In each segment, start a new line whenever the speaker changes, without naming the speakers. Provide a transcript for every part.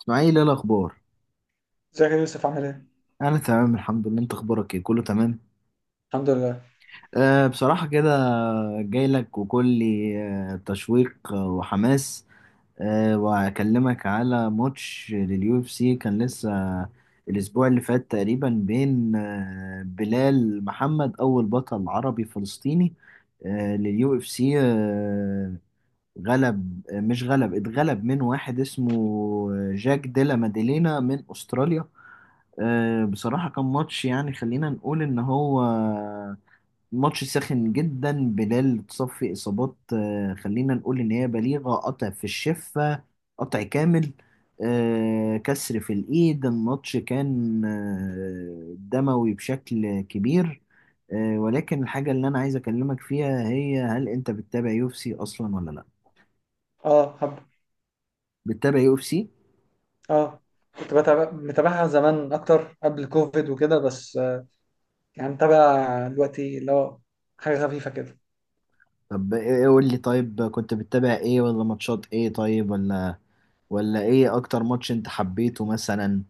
اسماعيل، ايه الاخبار؟
ازيك يا يوسف عامل ايه؟
انا تمام الحمد لله. انت اخبارك ايه؟ كله تمام؟
الحمد لله.
بصراحه كده، جاي لك وكلي، تشويق، وحماس. وهكلمك على ماتش لليو اف سي. كان لسه الاسبوع اللي فات تقريبا، بين بلال محمد، اول بطل عربي فلسطيني لليو اف سي. غلب آه، مش غلب، اتغلب من واحد اسمه جاك ديلا ماديلينا من استراليا. بصراحة كان ماتش، يعني خلينا نقول إن هو ماتش ساخن جدا. بلال تصفي إصابات، خلينا نقول إن هي بليغة. قطع في الشفة، قطع كامل، كسر في الإيد. الماتش كان دموي بشكل كبير. ولكن الحاجة اللي أنا عايز أكلمك فيها هي، هل أنت بتتابع يو إف سي أصلا ولا لأ؟
اه، حب.
بتتابع يو إف سي؟
اه، كنت بتابع متابعها زمان اكتر قبل كوفيد وكده، بس يعني متابع دلوقتي اللي هو حاجة خفيفة كده.
طب، ايه إيه، قول لي. طيب، كنت بتتابع ايه؟ ولا ماتشات ايه؟ طيب، ولا ايه اكتر ماتش انت حبيته مثلا؟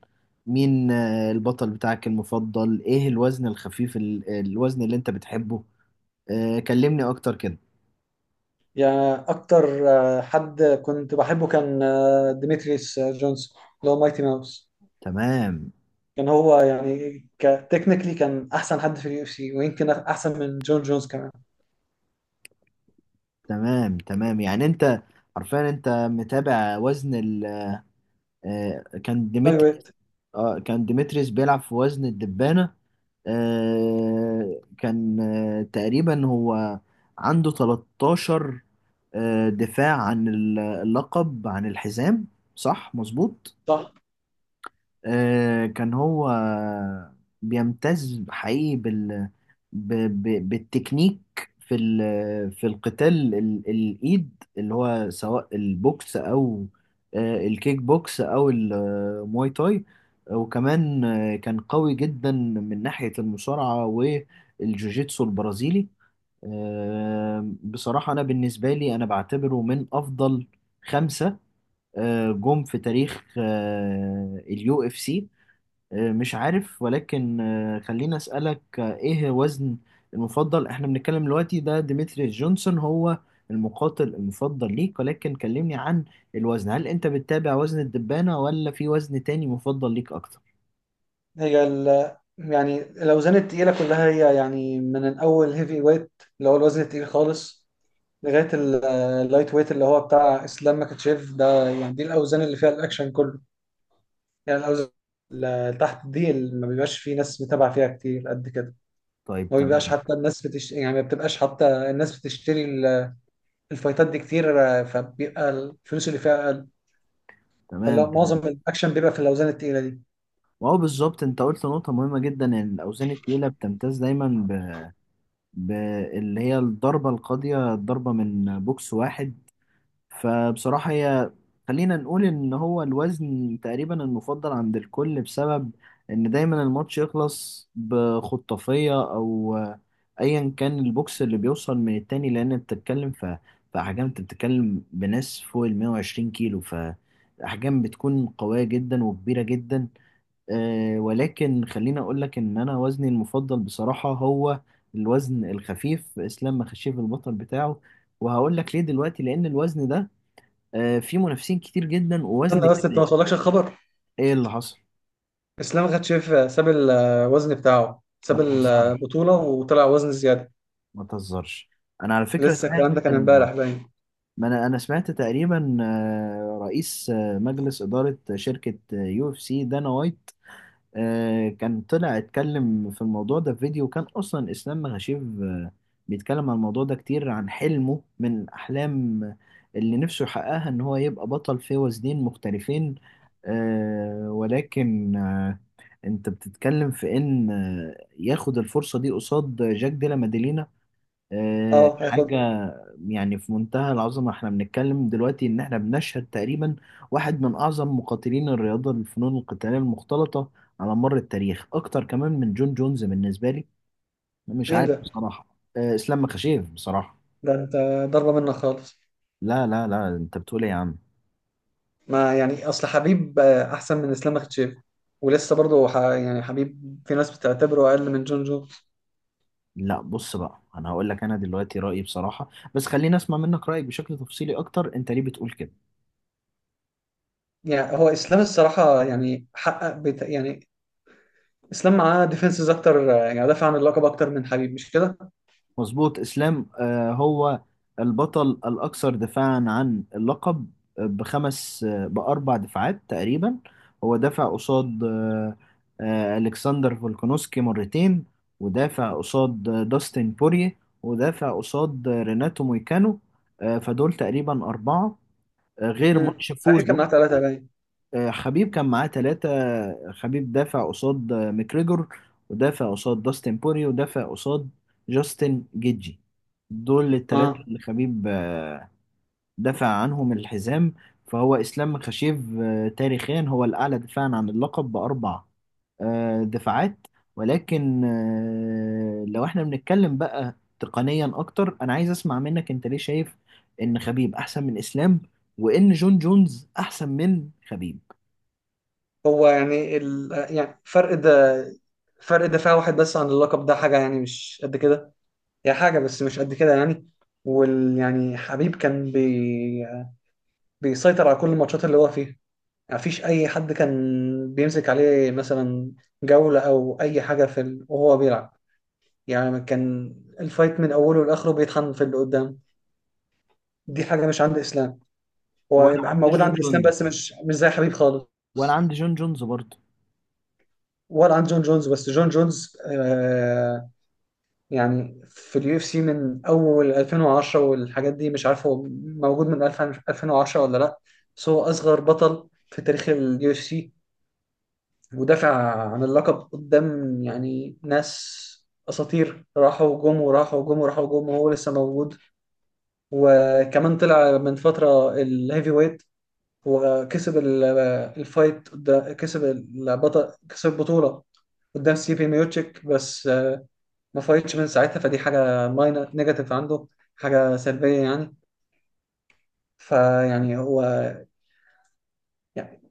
مين البطل بتاعك المفضل؟ ايه الوزن الخفيف، الوزن اللي انت بتحبه؟ كلمني اكتر كده.
يعني اكتر حد كنت بحبه كان ديمتريس جونز، اللي هو مايتي ماوس.
تمام،
كان هو يعني كتكنيكلي كان احسن حد في اليو اف سي، ويمكن احسن من جون جونز كمان.
تمام، تمام. يعني انت عارفين، انت متابع وزن ال آه، كان
لاي
ديمتري.
ويت.
اه، كان ديمتريس بيلعب في وزن الدبانة. كان تقريبا هو عنده 13 دفاع عن اللقب، عن الحزام. صح، مظبوط.
صح.
كان هو بيمتاز حقيقي بالتكنيك في الإيد، اللي هو سواء البوكس أو الكيك بوكس أو المواي تاي. وكمان كان قوي جدا من ناحية المصارعة والجوجيتسو البرازيلي. بصراحة أنا بالنسبة لي، أنا بعتبره من أفضل خمسة جم في تاريخ اليو اف سي. مش عارف، ولكن خليني أسألك، ايه وزن المفضل احنا بنتكلم دلوقتي؟ ده ديمتري جونسون هو المقاتل المفضل ليك، ولكن كلمني عن الوزن. هل انت بتتابع وزن الدبانة، ولا في وزن تاني مفضل ليك اكتر؟
هي ال يعني الاوزان التقيلة كلها، هي يعني من الاول هيفي ويت اللي هو الوزن التقيل خالص، لغايه ال- اللايت ويت اللي هو بتاع اسلام مكاتشيف ده. يعني دي الاوزان اللي فيها الاكشن كله. يعني الاوزان اللي تحت دي اللي ما بيبقاش في ناس متابعه فيها كتير قد كده.
طيب،
ما بيبقاش
تمام،
حتى الناس بتش... يعني ما بتبقاش حتى الناس بتشتري الفايتات دي كتير، فبيبقى الفلوس اللي فيها اقل.
تمام،
فلا، معظم
تمام.
الاكشن بيبقى في الاوزان التقيله دي.
وهو بالظبط انت قلت نقطة مهمة جدا، ان الاوزان التقيلة بتمتاز دايما ب... اللي هي الضربة القاضية، الضربة من بوكس واحد. فبصراحة هي، خلينا نقول إن هو الوزن تقريبا المفضل عند الكل، بسبب إن دايما الماتش يخلص بخطافية أو أيا كان البوكس اللي بيوصل من التاني. لأن أنت بتتكلم في أحجام، أنت بتتكلم بناس فوق ال 120 كيلو، فأحجام بتكون قوية جدا وكبيرة جدا. ولكن خليني أقول لك إن أنا وزني المفضل بصراحة هو الوزن الخفيف. إسلام مخشيف البطل بتاعه، وهقول لك ليه دلوقتي. لأن الوزن ده، في منافسين كتير جدا، ووزن
انا بس انت
كمان.
ما وصلكش الخبر.
ايه اللي حصل؟
اسلام مكاتشيف ساب الوزن بتاعه،
ما
ساب
تهزرش،
البطوله وطلع وزن زياده.
ما تهزرش. انا على فكره
لسه
سمعت
الكلام ده كان
إن-
امبارح باين.
ما انا سمعت تقريبا رئيس مجلس اداره شركه يو اف سي، دانا وايت، كان طلع اتكلم في الموضوع ده في فيديو. كان اصلا اسلام مغاشيف بيتكلم عن الموضوع ده كتير، عن حلمه من احلام اللي نفسه يحققها ان هو يبقى بطل في وزنين مختلفين. ولكن انت بتتكلم في ان ياخد الفرصة دي قصاد جاك ديلا ماديلينا.
اه،
حاجة
هياخد.
يعني في منتهى العظمة. احنا بنتكلم دلوقتي ان احنا بنشهد تقريبا واحد من اعظم مقاتلين الرياضة، الفنون القتالية المختلطة، على مر التاريخ، اكتر كمان من جون جونز بالنسبة لي. مش
مين
عارف
ده؟
بصراحة، اسلام مخاشيف بصراحة.
ده انت ضربة منك خالص.
لا، لا، لا، انت بتقول ايه يا عم؟
ما يعني اصل حبيب احسن من اسلام مختشيف، ولسه برضه يعني حبيب في ناس بتعتبره اقل من جون جو.
لا، بص بقى، انا هقول لك انا دلوقتي رأيي بصراحة، بس خليني اسمع منك رأيك بشكل تفصيلي اكتر. انت ليه بتقول كده؟
يعني هو اسلام الصراحة، يعني يعني اسلام معاه ديفنسز اكتر، يعني دافع عن اللقب اكتر من حبيب، مش كده؟
مظبوط. اسلام هو البطل الاكثر دفاعا عن اللقب، بخمس آه، باربع دفاعات تقريبا. هو دافع قصاد الكسندر فولكانوسكي مرتين، ودافع قصاد داستن بوريه، ودافع قصاد ريناتو مويكانو. فدول تقريبا اربعه، غير
امم،
ماتش
حبيب
فوزه.
كان معاه ثلاثة باين.
خبيب كان معاه ثلاثة. خبيب دافع قصاد ماكريجور، ودافع قصاد داستن بوري، ودافع قصاد جاستن جيجي. دول الثلاثة
اه.
اللي خبيب دافع عنهم الحزام. فهو إسلام خشيف، تاريخيا هو الأعلى دفاعا عن اللقب بأربع دفاعات. ولكن لو احنا بنتكلم بقى تقنيا أكتر، أنا عايز أسمع منك أنت ليه شايف إن خبيب أحسن من إسلام، وإن جون جونز أحسن من خبيب؟
يعني فرق ده، فرق دفاع واحد بس عن اللقب، ده حاجة يعني مش قد كده، هي حاجة بس مش قد كده يعني. يعني حبيب كان بيسيطر على كل الماتشات اللي هو فيها. ما فيش اي حد كان بيمسك عليه مثلا جولة او اي حاجة وهو بيلعب. يعني كان الفايت من اوله لاخره بيطحن في اللي قدام. دي حاجة مش عند اسلام. هو
وانا عندي
موجود
جون
عند اسلام،
جونز
بس مش زي حبيب خالص
وانا عندي جون جونز برضه.
ولا عند جون جونز. بس جون جونز يعني في اليو اف سي من اول 2010 والحاجات دي، مش عارف هو موجود من 2000 2010 ولا لا، بس هو اصغر بطل في تاريخ اليو اف سي. ودافع عن اللقب قدام يعني ناس اساطير، راحوا جم وراحوا وجم وراحوا وجم، وهو لسه موجود. وكمان طلع من فتره الهيفي ويت وكسب كسب كسب البطوله قدام ستيفن ميوتشيك، بس ما فايتش من ساعتها، فدي حاجه ماينر نيجاتيف عنده، حاجه سلبيه يعني. فيعني هو يعني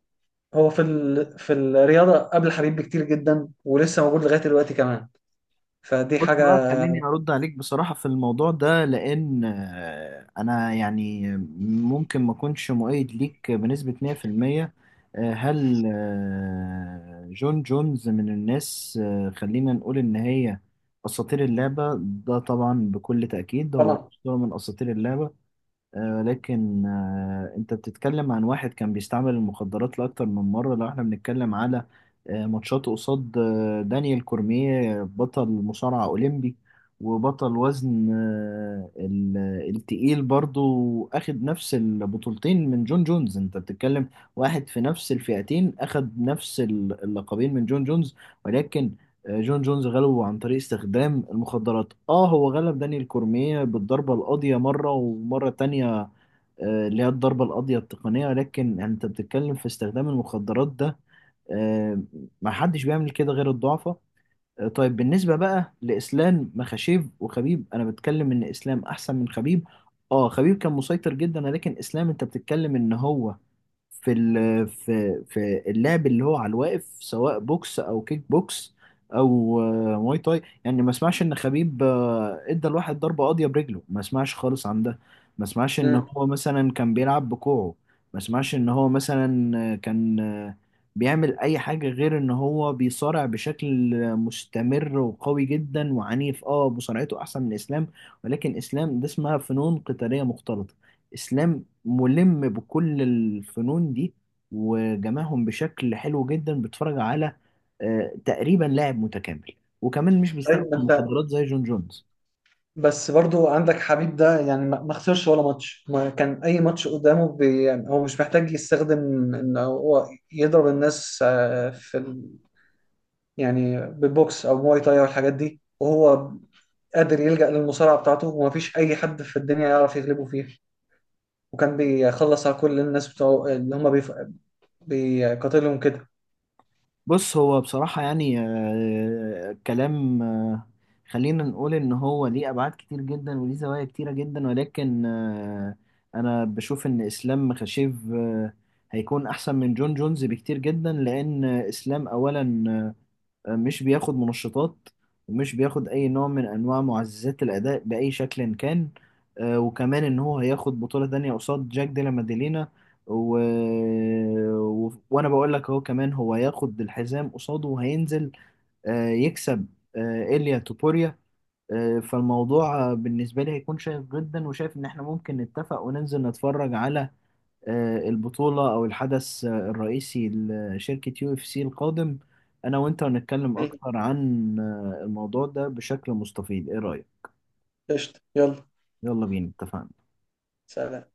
هو في الرياضه قبل حبيب بكتير جدا، ولسه موجود لغايه دلوقتي كمان، فدي
بص
حاجه
بقى، خليني ارد عليك بصراحة في الموضوع ده، لان انا يعني ممكن ما اكونش مؤيد ليك بنسبة 100%. هل جون جونز من الناس، خلينا نقول ان هي اساطير اللعبة؟ ده طبعا بكل تأكيد هو
طبعا.
أسطورة من اساطير اللعبة. ولكن انت بتتكلم عن واحد كان بيستعمل المخدرات لأكتر من مرة. لو احنا بنتكلم على ماتشات قصاد دانيال كورميه، بطل مصارعة أولمبي وبطل وزن التقيل برضو، أخد نفس البطولتين من جون جونز. انت بتتكلم واحد في نفس الفئتين أخد نفس اللقبين من جون جونز. ولكن جون جونز غلبه عن طريق استخدام المخدرات. اه، هو غلب دانيال كورميه بالضربة القاضية مرة ومرة تانية، اللي هي الضربة القاضية التقنية. لكن يعني انت بتتكلم في استخدام المخدرات ده، آه، ما حدش بيعمل كده غير الضعفاء. طيب بالنسبة بقى لإسلام مخاشيف وخبيب، أنا بتكلم إن إسلام أحسن من خبيب. اه، خبيب كان مسيطر جدا، لكن إسلام انت بتتكلم إن هو في ال- في في اللعب اللي هو على الواقف، سواء بوكس او كيك بوكس او مواي تاي. يعني ما اسمعش ان خبيب ادى الواحد ضربه قاضيه برجله، ما اسمعش خالص عن ده. ما اسمعش ان
مم.
هو مثلا كان بيلعب بكوعه. ما اسمعش ان هو مثلا كان بيعمل اي حاجه غير ان هو بيصارع بشكل مستمر وقوي جدا وعنيف. اه، مصارعته احسن من اسلام. ولكن اسلام ده اسمها فنون قتاليه مختلطه. اسلام ملم بكل الفنون دي، وجمعهم بشكل حلو جدا. بتفرج على تقريبا لاعب متكامل، وكمان مش
طيب.
بيستخدم
ما انت
المخدرات زي جون جونز.
بس برضو عندك حبيب ده، يعني ما خسرش ولا ماتش، ما كان اي ماتش قدامه يعني هو مش محتاج يستخدم ان هو يضرب الناس يعني بالبوكس او مواي تاي او الحاجات دي، وهو قادر يلجأ للمصارعه بتاعته، وما فيش اي حد في الدنيا يعرف يغلبه فيها. وكان بيخلص على كل الناس بتوع اللي هم بيقاتلهم كده.
بص، هو بصراحة يعني، كلام، خلينا نقول إن هو ليه أبعاد كتير جدا، وليه زوايا كتيرة جدا. ولكن أنا بشوف إن إسلام خشيف هيكون أحسن من جون جونز بكتير جدا. لأن إسلام أولا، آه، مش بياخد منشطات، ومش بياخد أي نوع من أنواع معززات الأداء بأي شكل كان. وكمان إن هو هياخد بطولة تانية قصاد جاك ديلا ماديلينا، و... وأنا بقول لك أهو. كمان هو هياخد الحزام قصاده، وهينزل يكسب إيليا توبوريا. فالموضوع، بالنسبة لي هيكون شيق جدا. وشايف إن إحنا ممكن نتفق، وننزل نتفرج على البطولة أو الحدث الرئيسي لشركة يو اف سي القادم. أنا وأنت هنتكلم
أيوة.
أكتر عن الموضوع ده بشكل مستفيض. إيه رأيك؟
قشطة، يلا.
يلا بينا، اتفقنا.
سلام.